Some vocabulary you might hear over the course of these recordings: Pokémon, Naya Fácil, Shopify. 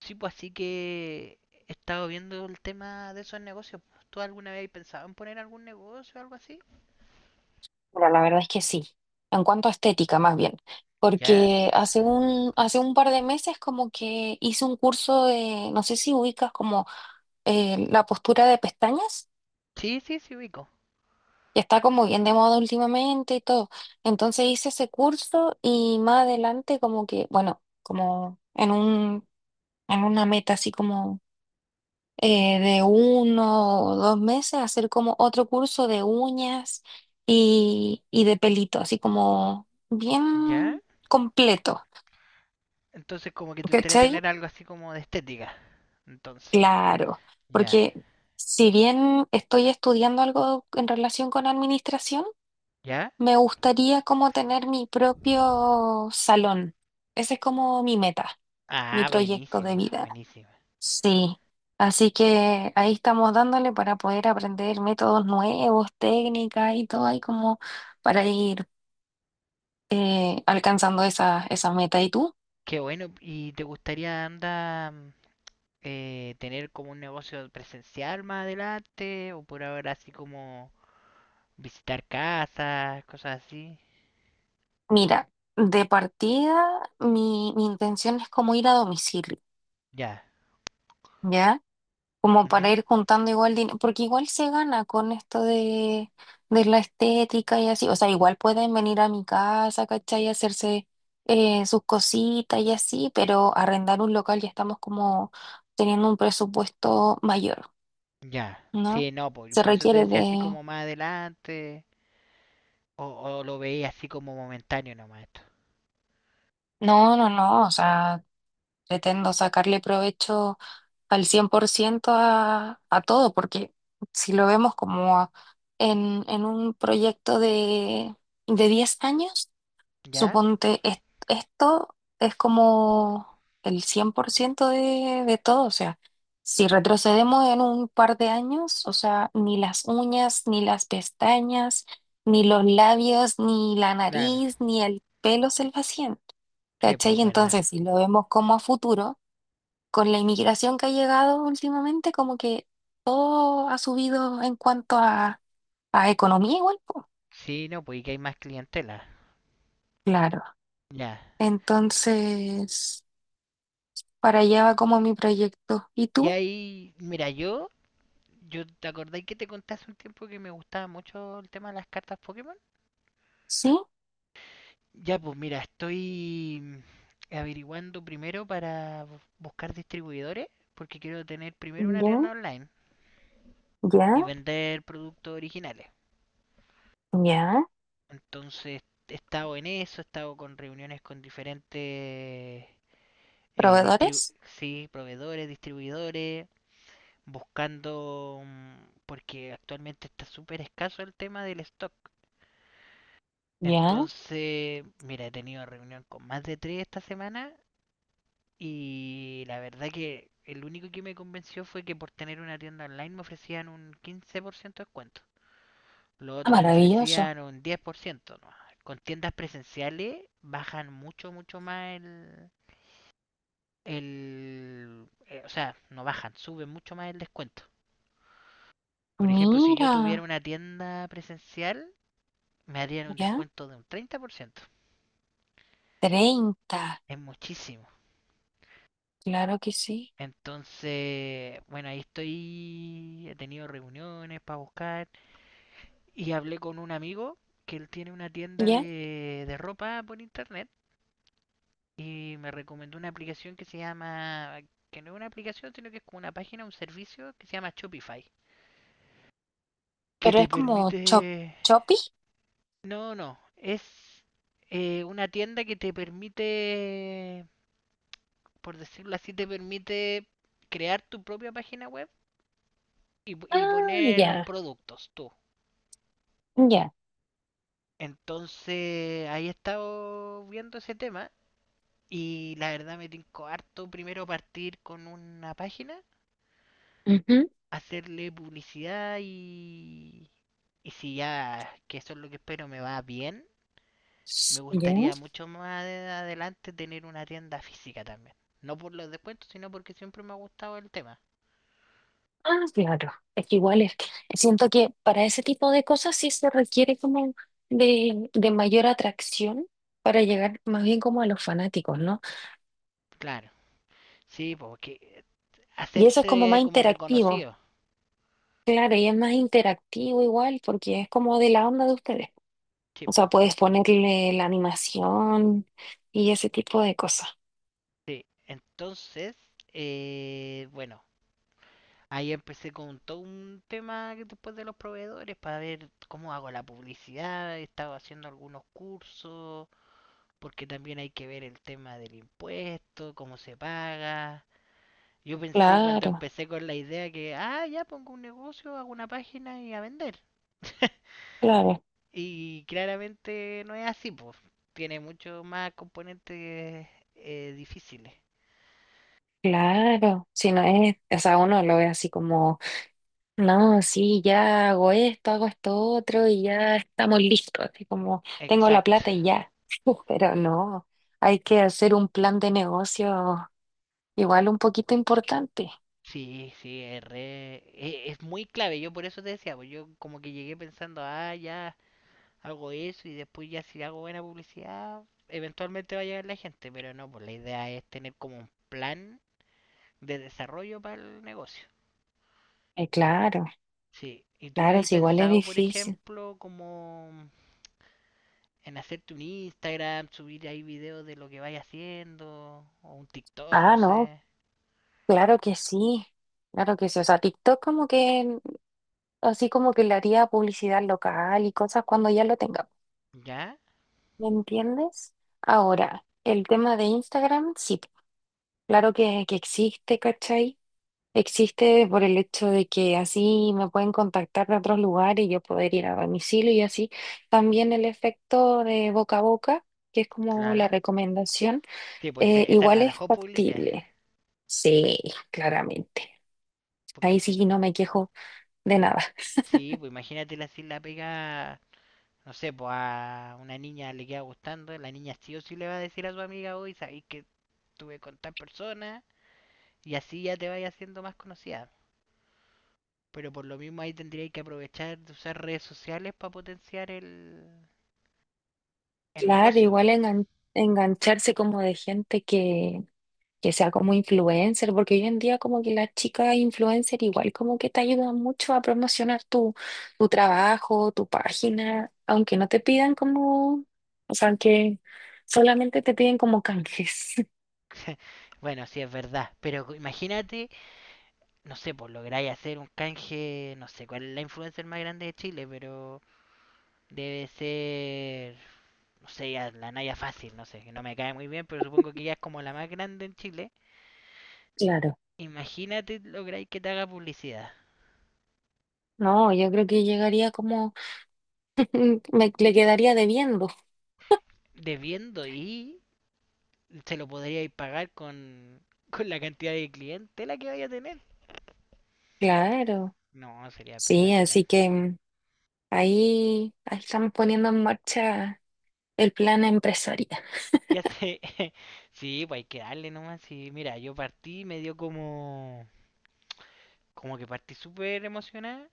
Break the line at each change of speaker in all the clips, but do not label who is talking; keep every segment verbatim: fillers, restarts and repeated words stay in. Sí, pues así que he estado viendo el tema de esos negocios, pues. ¿Tú alguna vez has pensado en poner algún negocio o algo así?
Bueno, la verdad es que sí, en cuanto a estética más bien,
¿Ya?
porque hace un, hace un par de meses como que hice un curso de, no sé si ubicas como eh, la postura de pestañas,
Sí, sí, sí, ubico.
que está como bien de moda últimamente y todo. Entonces hice ese curso y más adelante como que, bueno, como en un, en una meta así como eh, de uno o dos meses, hacer como otro curso de uñas y, y de pelito, así como
¿Ya?
bien completo,
Entonces como que te gustaría
¿cachai?
tener algo así como de estética. Entonces.
Claro,
Ya.
porque si bien estoy estudiando algo en relación con administración,
¿Ya?
me gustaría como tener mi propio salón. Ese es como mi meta, mi
Ah,
proyecto de
buenísima,
vida.
buenísima.
Sí, así que ahí estamos dándole para poder aprender métodos nuevos, técnicas y todo ahí como para ir eh, alcanzando esa, esa meta. ¿Y tú?
Qué bueno. ¿Y te gustaría andar eh, tener como un negocio presencial más adelante? ¿O por ahora así como visitar casas, cosas así?
Mira, de partida mi, mi intención es como ir a domicilio,
Ya.
¿ya? Como
Ujú.
para ir juntando igual dinero, porque igual se gana con esto de, de la estética y así, o sea, igual pueden venir a mi casa, ¿cachai? Y hacerse eh, sus cositas y así, pero arrendar un local ya estamos como teniendo un presupuesto mayor,
Ya,
¿no?
sí, no, po,
Se
por eso te
requiere
decía así
de...
como más adelante, o, o lo veía así como momentáneo nomás esto.
No, no, no, o sea... Pretendo sacarle provecho al cien por ciento a, a todo, porque si lo vemos como a- en, en un proyecto de, de diez años,
¿Ya?
suponte, es- esto es como el cien por ciento de, de todo, o sea, si retrocedemos en un par de años, o sea, ni las uñas, ni las pestañas, ni los labios, ni la
Claro,
nariz, ni el pelo se vacían,
sí, pues
¿cachai?
verdad.
Entonces, si lo vemos como a futuro, con la inmigración que ha llegado últimamente, como que todo ha subido en cuanto a, a economía igual, po.
Sí, no, pues y que hay más clientela.
Claro.
Ya.
Entonces... Para allá va como mi proyecto. ¿Y
Y
tú?
ahí, mira, yo, yo te acordáis que te conté hace un tiempo que me gustaba mucho el tema de las cartas Pokémon.
Sí,
Ya, pues mira, estoy mm, averiguando primero para bu- buscar distribuidores, porque quiero tener primero una
ya,
tienda online y
ya,
vender productos originales.
ya.
Entonces he estado en eso, he estado con reuniones con diferentes eh, distribu-
¿Proveedores?
sí, proveedores, distribuidores, buscando, mm, porque actualmente está súper escaso el tema del stock.
Ya.
Entonces, mira, he tenido reunión con más de tres esta semana y la verdad que el único que me convenció fue que por tener una tienda online me ofrecían un quince por ciento de descuento. Los
Ah,
otros me
maravilloso.
ofrecían un diez por ciento nomás. Con tiendas presenciales bajan mucho, mucho más el... el eh, o sea, no bajan, suben mucho más el descuento. Por ejemplo, si yo
Mira,
tuviera una tienda presencial, me harían un
ya,
descuento de un treinta por ciento.
treinta.
Es muchísimo.
Claro que sí.
Entonces, bueno, ahí estoy, he tenido reuniones para buscar y hablé con un amigo que él tiene una tienda
Ya.
de, de ropa por internet y me recomendó una aplicación que se llama, que no es una aplicación, sino que es como una página, un servicio que se llama Shopify, que
Pero
te
es como, chop,
permite,
choppy.
no, no, es eh, una tienda que te permite, por decirlo así, te permite crear tu propia página web y, y
Ah,
poner los
ya,
productos tú.
ya,
Entonces, ahí he estado viendo ese tema y la verdad me tincó harto primero partir con una página,
ujú,
hacerle publicidad y, y si ya, que eso es lo que espero, me va bien, me
ya.
gustaría mucho más de- adelante tener una tienda física también. No por los descuentos, sino porque siempre me ha gustado el tema.
Ah, claro. Es que igual es que siento que para ese tipo de cosas sí se requiere como de, de mayor atracción para llegar más bien como a los fanáticos, ¿no?
Claro, sí, porque
Y eso es como
hacerse
más
como
interactivo.
reconocido,
Claro, y es más interactivo igual, porque es como de la onda de ustedes. O
tipo.
sea, puedes ponerle la animación y ese tipo de cosas.
Sí, entonces, eh, bueno, ahí empecé con todo un tema después de los proveedores para ver cómo hago la publicidad, he estado haciendo algunos cursos porque también hay que ver el tema del impuesto, cómo se paga. Yo pensé cuando
Claro,
empecé con la idea que, ah, ya pongo un negocio, hago una página y a vender.
claro,
Y claramente no es así, pues. Tiene mucho más componentes eh, difíciles.
claro. Si no es, o sea, uno lo ve así como, no, sí, ya hago esto, hago esto otro y ya estamos listos. Así como, tengo la
Exacto.
plata y ya. Pero no, hay que hacer un plan de negocio igual un poquito importante.
Sí, sí, es, re- e- es muy clave. Yo por eso te decía, pues yo como que llegué pensando, ah, ya hago eso y después ya si hago buena publicidad, eventualmente va a llegar la gente, pero no, pues la idea es tener como un plan de desarrollo para el negocio.
Eh, claro,
Sí, ¿y tú no
claro,
has
si igual es
pensado, por
difícil.
ejemplo, como en hacerte un Instagram, subir ahí videos de lo que vayas haciendo, o un TikTok, no
Ah, no,
sé?
claro que sí, claro que sí. O sea, TikTok como que, así como que le haría publicidad local y cosas cuando ya lo tenga.
¿Ya?
¿Me entiendes? Ahora, el tema de Instagram, sí, claro que, que existe, ¿cachai? Existe por el hecho de que así me pueden contactar de otros lugares y yo poder ir a domicilio y así. También el efecto de boca a boca, que es como la
Claro.
recomendación,
Sí, pues
eh,
e- esa es
igual
la
es
mejor publicidad,
factible. Sí, claramente.
porque
Ahí
si,
sí no me quejo de nada.
sí, pues imagínate si la pega, no sé, pues a una niña le queda gustando, la niña sí o sí le va a decir a su amiga hoy, sabéis que estuve con tal persona y así ya te vayas haciendo más conocida. Pero por lo mismo ahí tendríais que aprovechar de usar redes sociales para potenciar el, el
Claro,
negocio.
igual engan- engancharse como de gente que, que sea como influencer, porque hoy en día como que las chicas influencer igual como que te ayudan mucho a promocionar tu, tu trabajo, tu página, aunque no te pidan como, o sea, que solamente te piden como canjes.
Bueno, sí es verdad, pero imagínate, no sé, pues lográis hacer un canje, no sé cuál es la influencer más grande de Chile, pero debe ser, no sé, ya la Naya Fácil, no sé, que no me cae muy bien, pero supongo que ya es como la más grande en Chile.
Claro.
Imagínate lográis que te haga publicidad,
No, yo creo que llegaría como, me le quedaría debiendo.
debiendo y se lo podríais pagar con, con la cantidad de clientela que vaya a tener.
Claro.
No, sería
Sí,
espectacular.
así que mm, ahí, ahí estamos poniendo en marcha el plan empresarial.
Ya sé, sí, pues hay que darle nomás. Sí, mira, yo partí, me dio como, como que partí súper emocionada.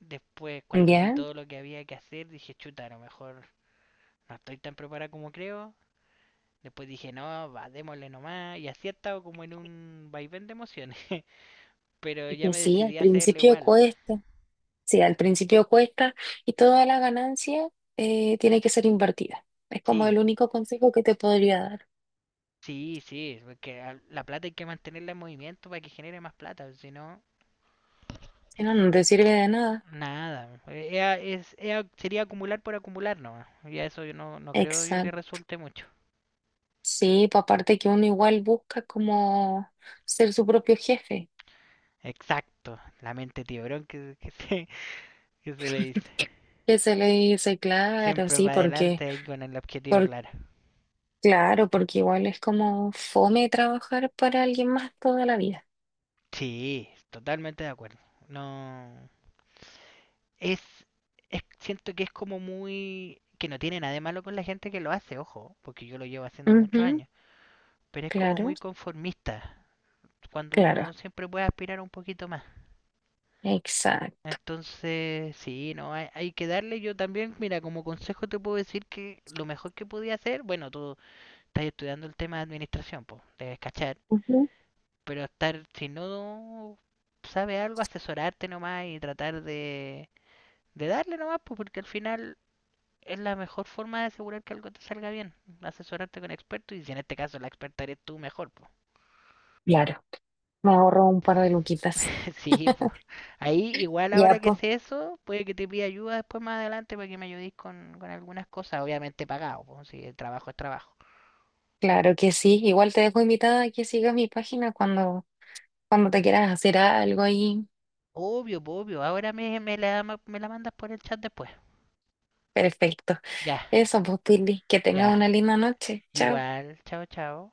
Después, cuando vi
Ya,
todo lo que había que hacer, dije, chuta, a lo mejor no estoy tan preparada como creo. Después dije, no, va, démosle nomás. Y así he estado como en un vaivén de emociones. Pero
y
ya
que
me
sí, al
decidí a hacerlo
principio
igual.
cuesta, sí, al principio cuesta y toda la ganancia eh, tiene que ser invertida. Es como
Sí,
el único consejo que te podría dar.
sí, sí, porque a- la plata hay que mantenerla en movimiento para que genere más plata, si no,
Si no, no te sirve de nada.
nada. Eh, ea- es, ea- sería acumular por acumular nomás. Y a eso yo no, no creo yo que
Exacto.
resulte mucho.
Sí, pues aparte que uno igual busca como ser su propio jefe,
Exacto, la mente tiburón que, que se, que se le dice.
que se le dice, claro,
Siempre
sí,
para
porque,
adelante y con el objetivo
por,
claro.
claro, porque igual es como fome trabajar para alguien más toda la vida.
Sí, totalmente de acuerdo. No. Es, es. Siento que es como muy. Que no tiene nada de malo con la gente que lo hace, ojo, porque yo lo llevo haciendo muchos
Ujú,
años. Pero es como
claro,
muy conformista, cuando uno
claro,
siempre puede aspirar un poquito más.
exacto.
Entonces, sí, no, hay, hay que darle. Yo también, mira, como consejo te puedo decir que lo mejor que podía hacer, bueno, tú estás estudiando el tema de administración, pues, debes cachar,
Ujú,
pero estar, si no sabes algo, asesorarte nomás y tratar de, de darle nomás, pues, porque al final es la mejor forma de asegurar que algo te salga bien, asesorarte con expertos y si en este caso la experta eres tú, mejor, pues.
claro. Me ahorro un par de luquitas.
Sí, pues. Ahí igual ahora
Ya,
que
pues,
sé eso, puede que te pida ayuda después más adelante para que me ayudéis con, con algunas cosas, obviamente pagado, pues, si el trabajo es trabajo.
claro que sí. Igual te dejo invitada a que sigas mi página cuando, cuando te quieras hacer algo ahí.
Obvio, po, obvio. Ahora me, me la, ma- me la mandas por el chat después.
Perfecto.
Ya,
Eso, pues, Pili, que
ya.
tengas una linda noche. Chao.
Igual. Chao, chao.